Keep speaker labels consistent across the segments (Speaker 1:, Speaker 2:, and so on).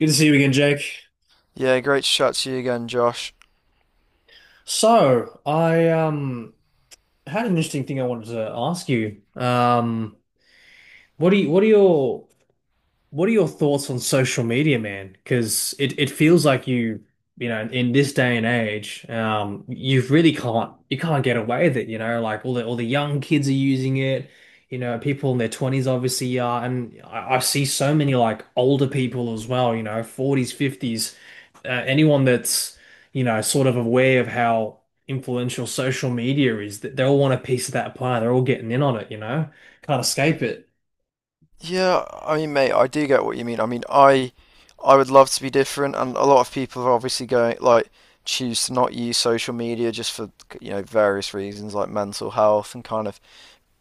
Speaker 1: Good to see you again, Jake.
Speaker 2: Yeah, great to chat to you again, Josh.
Speaker 1: So I had an interesting thing I wanted to ask you. What do you, what are your What are your thoughts on social media, man? Because it feels like in this day and age, you really can't get away with it, you know, like all the young kids are using it, you know, people in their 20s obviously are, and I see so many like older people as well, you know, 40s, 50s, anyone that's, you know, sort of aware of how influential social media is, that they all want a piece of that pie, they're all getting in on it, you know, can't escape it.
Speaker 2: Yeah, I mean, mate, I do get what you mean. I mean, I would love to be different, and a lot of people are obviously going like choose to not use social media just for various reasons like mental health and kind of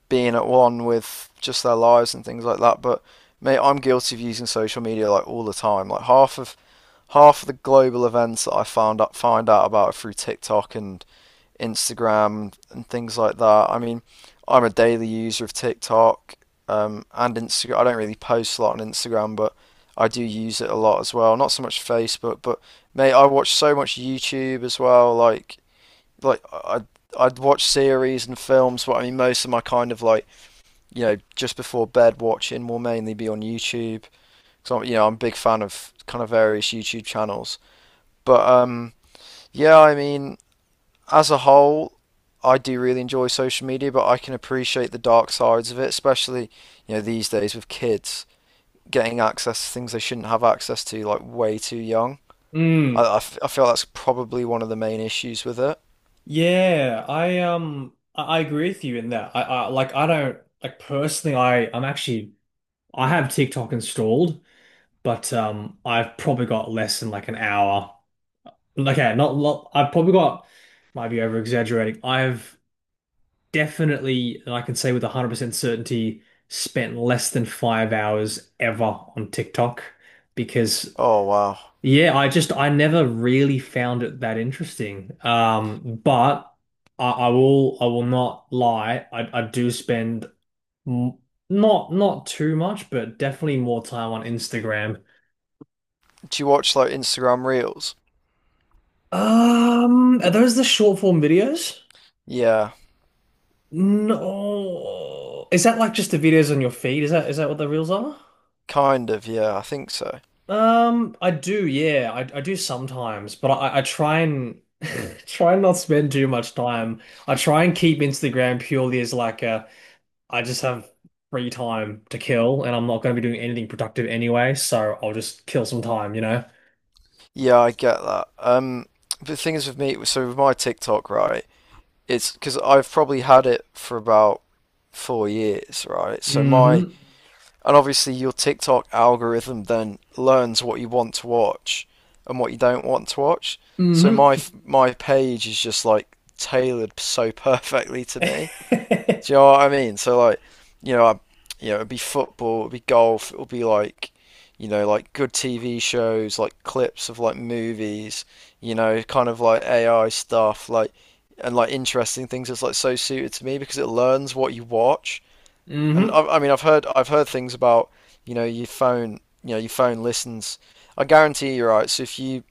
Speaker 2: being at one with just their lives and things like that. But mate, I'm guilty of using social media like all the time. Like half of the global events that I found out find out about are through TikTok and Instagram and things like that. I mean, I'm a daily user of TikTok and Instagram. I don't really post a lot on Instagram, but I do use it a lot as well. Not so much Facebook, but mate, I watch so much YouTube as well. Like, I'd watch series and films, but I mean, most of my kind of like just before bed watching will mainly be on YouTube. So I'm a big fan of kind of various YouTube channels. But yeah, I mean, as a whole, I do really enjoy social media, but I can appreciate the dark sides of it, especially these days with kids getting access to things they shouldn't have access to, like way too young. I,
Speaker 1: Mm,
Speaker 2: I f- I feel that's probably one of the main issues with it.
Speaker 1: yeah, I agree with you in that. I like I don't like personally I I'm actually I have TikTok installed, but I've probably got less than like an hour. Okay, not lot I've probably got might be over exaggerating. I've definitely, and I can say with 100% certainty, spent less than 5 hours ever on TikTok because,
Speaker 2: Oh, wow.
Speaker 1: yeah, I never really found it that interesting. But I will not lie. I do spend m not too much, but definitely more time on Instagram.
Speaker 2: Do you watch like Instagram Reels?
Speaker 1: Are those the short form videos?
Speaker 2: Yeah,
Speaker 1: No. Is that like just the videos on your feed? Is that what the reels are?
Speaker 2: kind of, yeah, I think so.
Speaker 1: I do, yeah, I do sometimes, but I try and try and not spend too much time. I try and keep Instagram purely as like a I just have free time to kill, and I'm not going to be doing anything productive anyway, so I'll just kill some time, you know.
Speaker 2: Yeah, I get that. The thing is with me, so with my TikTok, right, it's because I've probably had it for about 4 years, right? So my
Speaker 1: Mm-hmm.
Speaker 2: And obviously, your TikTok algorithm then learns what you want to watch and what you don't want to watch. So
Speaker 1: Mm-hmm.
Speaker 2: my page is just like tailored so perfectly to me. Do you know what I mean? So like, you know, I, it'd be football, it'd be golf, it'll be like, like good TV shows, like clips of like movies, kind of like AI stuff, like and like interesting things. It's like so suited to me because it learns what you watch. And I,
Speaker 1: Mm-hmm.
Speaker 2: I mean, I've heard I've heard things about your phone, your phone listens. I guarantee you're right. So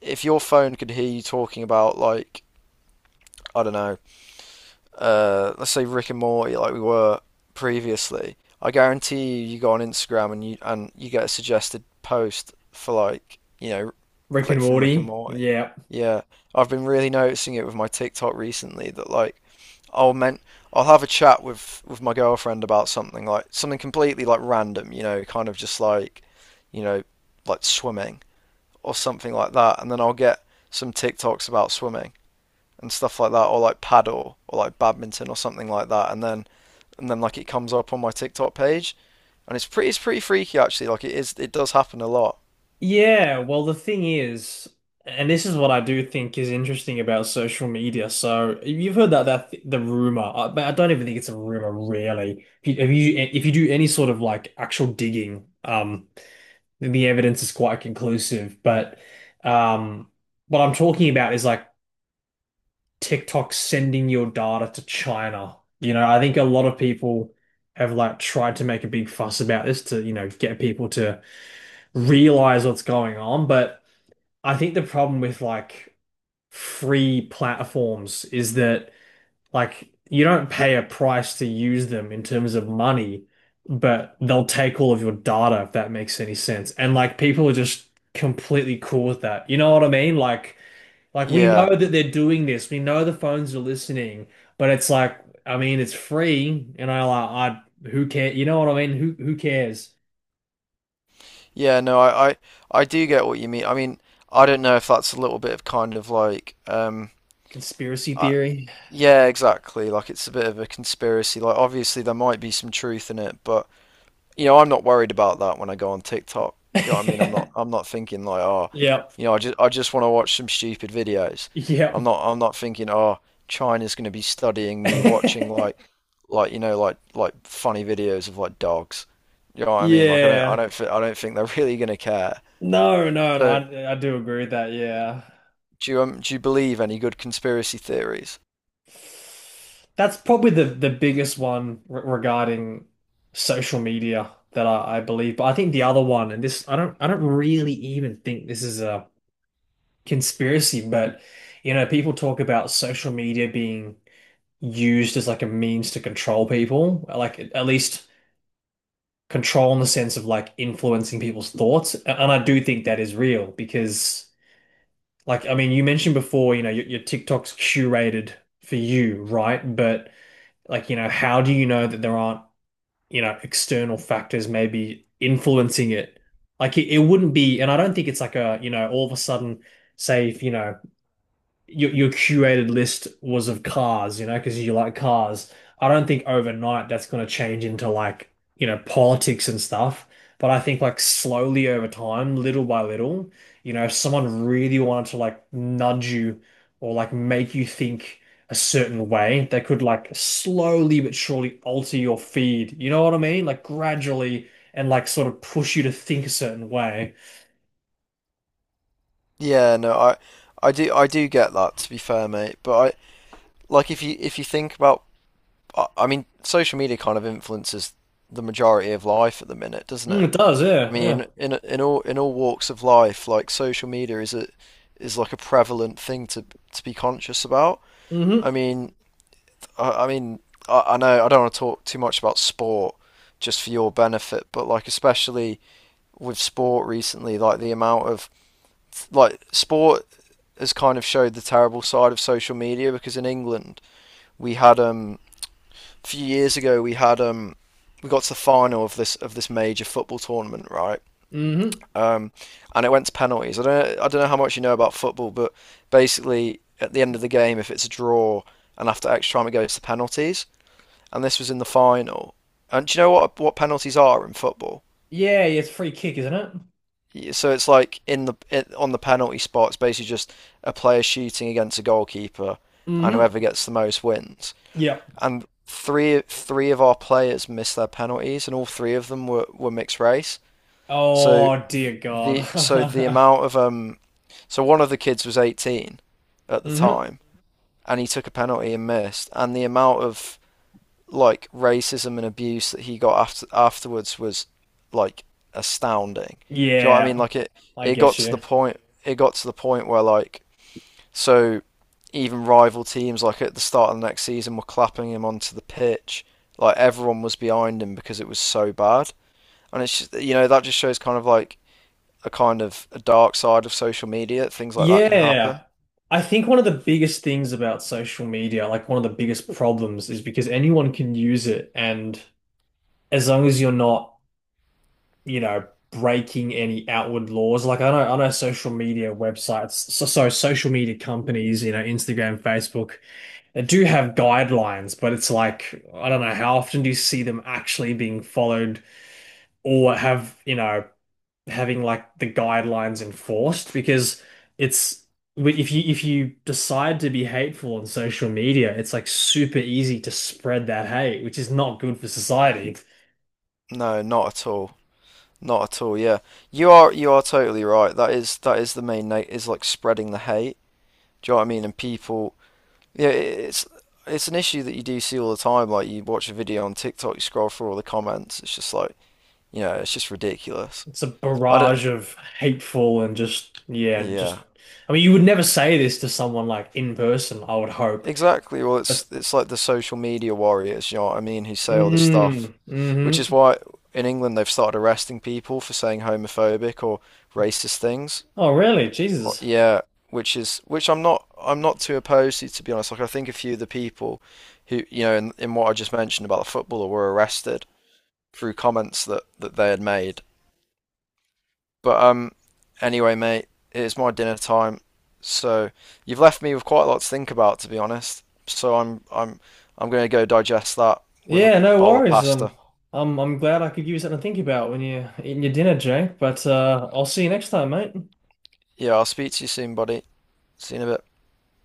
Speaker 2: if your phone could hear you talking about like I don't know let's say Rick and Morty, like we were previously, I guarantee you, you go on Instagram and you get a suggested post for like,
Speaker 1: Rick and
Speaker 2: clip from Rick and
Speaker 1: Morty.
Speaker 2: Morty.
Speaker 1: Yeah.
Speaker 2: Yeah, I've been really noticing it with my TikTok recently that like I'll meant I'll have a chat with my girlfriend about something like something completely like random, kind of just like, you know, like swimming or something like that, and then I'll get some TikToks about swimming and stuff like that, or like paddle or like badminton or something like that, and then like it comes up on my TikTok page, and it's pretty freaky actually. Like it does happen a lot.
Speaker 1: Yeah, well, the thing is, and this is what I do think is interesting about social media. So you've heard that that th the rumor, but I don't even think it's a rumor, really. If you do any sort of like actual digging, then the evidence is quite conclusive. But um, what I'm talking about is like TikTok sending your data to China. You know, I think a lot of people have like tried to make a big fuss about this to, you know, get people to realize what's going on, but. I think the problem with like free platforms is that like you don't pay a price to use them in terms of money, but they'll take all of your data if that makes any sense. And like people are just completely cool with that. You know what I mean? Like we
Speaker 2: Yeah,
Speaker 1: know that they're doing this. We know the phones are listening, but it's like I mean it's free and I who care? You know what I mean? Who cares?
Speaker 2: yeah, no, I do get what you mean. I mean, I don't know if that's a little bit of kind of like
Speaker 1: Conspiracy
Speaker 2: I,
Speaker 1: theory.
Speaker 2: yeah, exactly. Like it's a bit of a conspiracy. Like obviously there might be some truth in it, but I'm not worried about that when I go on TikTok. You know what I mean? I'm not I'm not thinking like, oh,
Speaker 1: Yep.
Speaker 2: I just want to watch some stupid videos. I'm
Speaker 1: Yep.
Speaker 2: not I'm not thinking, oh, China's going to be studying me watching like like funny videos of like dogs. You know what I mean? Like
Speaker 1: Yeah.
Speaker 2: I don't think they're really going to care.
Speaker 1: No, no, no,
Speaker 2: So,
Speaker 1: I do agree with that. Yeah.
Speaker 2: do you believe any good conspiracy theories?
Speaker 1: That's probably the biggest one re regarding social media that I believe. But I think the other one, and this I don't really even think this is a conspiracy, but you know, people talk about social media being used as like a means to control people, like at least control in the sense of like influencing people's thoughts. And I do think that is real because like, I mean, you mentioned before, you know, your TikTok's curated for you, right? But like, you know, how do you know that there aren't, you know, external factors maybe influencing it? Like, it wouldn't be, and I don't think it's like a, you know, all of a sudden, say if, you know, your curated list was of cars, you know, because you like cars. I don't think overnight that's going to change into like, you know, politics and stuff. But I think like slowly over time, little by little, you know, if someone really wanted to like nudge you or like make you think a certain way, they could like slowly but surely alter your feed. You know what I mean? Like gradually and like sort of push you to think a certain way.
Speaker 2: Yeah, no, I do get that to be fair, mate. But I Like if you think about mean, social media kind of influences the majority of life at the minute, doesn't
Speaker 1: Mm,
Speaker 2: it?
Speaker 1: it does,
Speaker 2: I
Speaker 1: yeah, yeah.
Speaker 2: mean, in all walks of life, like social media is like a prevalent thing to be conscious about.
Speaker 1: Mm-hmm.
Speaker 2: I mean, I, I mean, I know I don't want to talk too much about sport just for your benefit, but like especially with sport recently, like the amount of like sport has kind of showed the terrible side of social media because in England we had a few years ago we got to the final of this major football tournament, right?
Speaker 1: Mm-hmm.
Speaker 2: Um, and it went to penalties. I don't know how much you know about football, but basically at the end of the game, if it's a draw and after extra time it goes to penalties, and this was in the final. And do you know what penalties are in football?
Speaker 1: Yeah, yeah, it's a free kick, isn't it?
Speaker 2: Yeah, so it's like in the it, on the penalty spot, it's basically just a player shooting against a goalkeeper, and whoever
Speaker 1: Mm-hmm.
Speaker 2: gets the most wins.
Speaker 1: Yep.
Speaker 2: And three of our players missed their penalties, and all three of them were mixed race. So
Speaker 1: Oh dear God.
Speaker 2: the so the amount of um, so one of the kids was 18 at the
Speaker 1: Hmm.
Speaker 2: time, and he took a penalty and missed, and the amount of like racism and abuse that he got afterwards was like astounding. Do you know what I
Speaker 1: Yeah,
Speaker 2: mean? Like it
Speaker 1: I
Speaker 2: it got
Speaker 1: get
Speaker 2: to the
Speaker 1: you.
Speaker 2: point where like so even rival teams, like at the start of the next season, were clapping him onto the pitch. Like everyone was behind him because it was so bad. And it's just, that just shows kind of like a kind of a dark side of social media. Things like that can happen.
Speaker 1: Yeah. I think one of the biggest things about social media, like one of the biggest problems, is because anyone can use it, and as long as you're not, you know, breaking any outward laws, like I know social media websites, so social media companies, you know, Instagram, Facebook. They do have guidelines, but it's like, I don't know, how often do you see them actually being followed or have, you know, having like the guidelines enforced? Because it's if you decide to be hateful on social media, it's like super easy to spread that hate, which is not good for society.
Speaker 2: No, not at all. Not at all. Yeah, you are totally right. That is the main note is like spreading the hate. Do you know what I mean? And people, yeah, it's an issue that you do see all the time. Like you watch a video on TikTok, you scroll through all the comments. It's just like it's just ridiculous.
Speaker 1: It's a
Speaker 2: I don't,
Speaker 1: barrage of hateful and just, yeah,
Speaker 2: yeah,
Speaker 1: just, I mean, you would never say this to someone like in person, I would hope.
Speaker 2: exactly. Well, it's
Speaker 1: But,
Speaker 2: like the social media warriors, you know what I mean, who say all this
Speaker 1: mm,
Speaker 2: stuff, which is
Speaker 1: mm-hmm.
Speaker 2: why in England they've started arresting people for saying homophobic or racist things.
Speaker 1: Oh, really?
Speaker 2: Or,
Speaker 1: Jesus.
Speaker 2: yeah, which I'm not too opposed to be honest. Like I think a few of the people who, in what I just mentioned about the footballer were arrested through comments that they had made. But anyway, mate, it's my dinner time, so you've left me with quite a lot to think about, to be honest. So I'm gonna go digest that with a
Speaker 1: Yeah, no
Speaker 2: bowl of
Speaker 1: worries.
Speaker 2: pasta.
Speaker 1: I'm glad I could use something to think about when you're eating your dinner, Jake. But I'll see you next time, mate.
Speaker 2: Yeah, I'll speak to you soon, buddy. See you in a bit.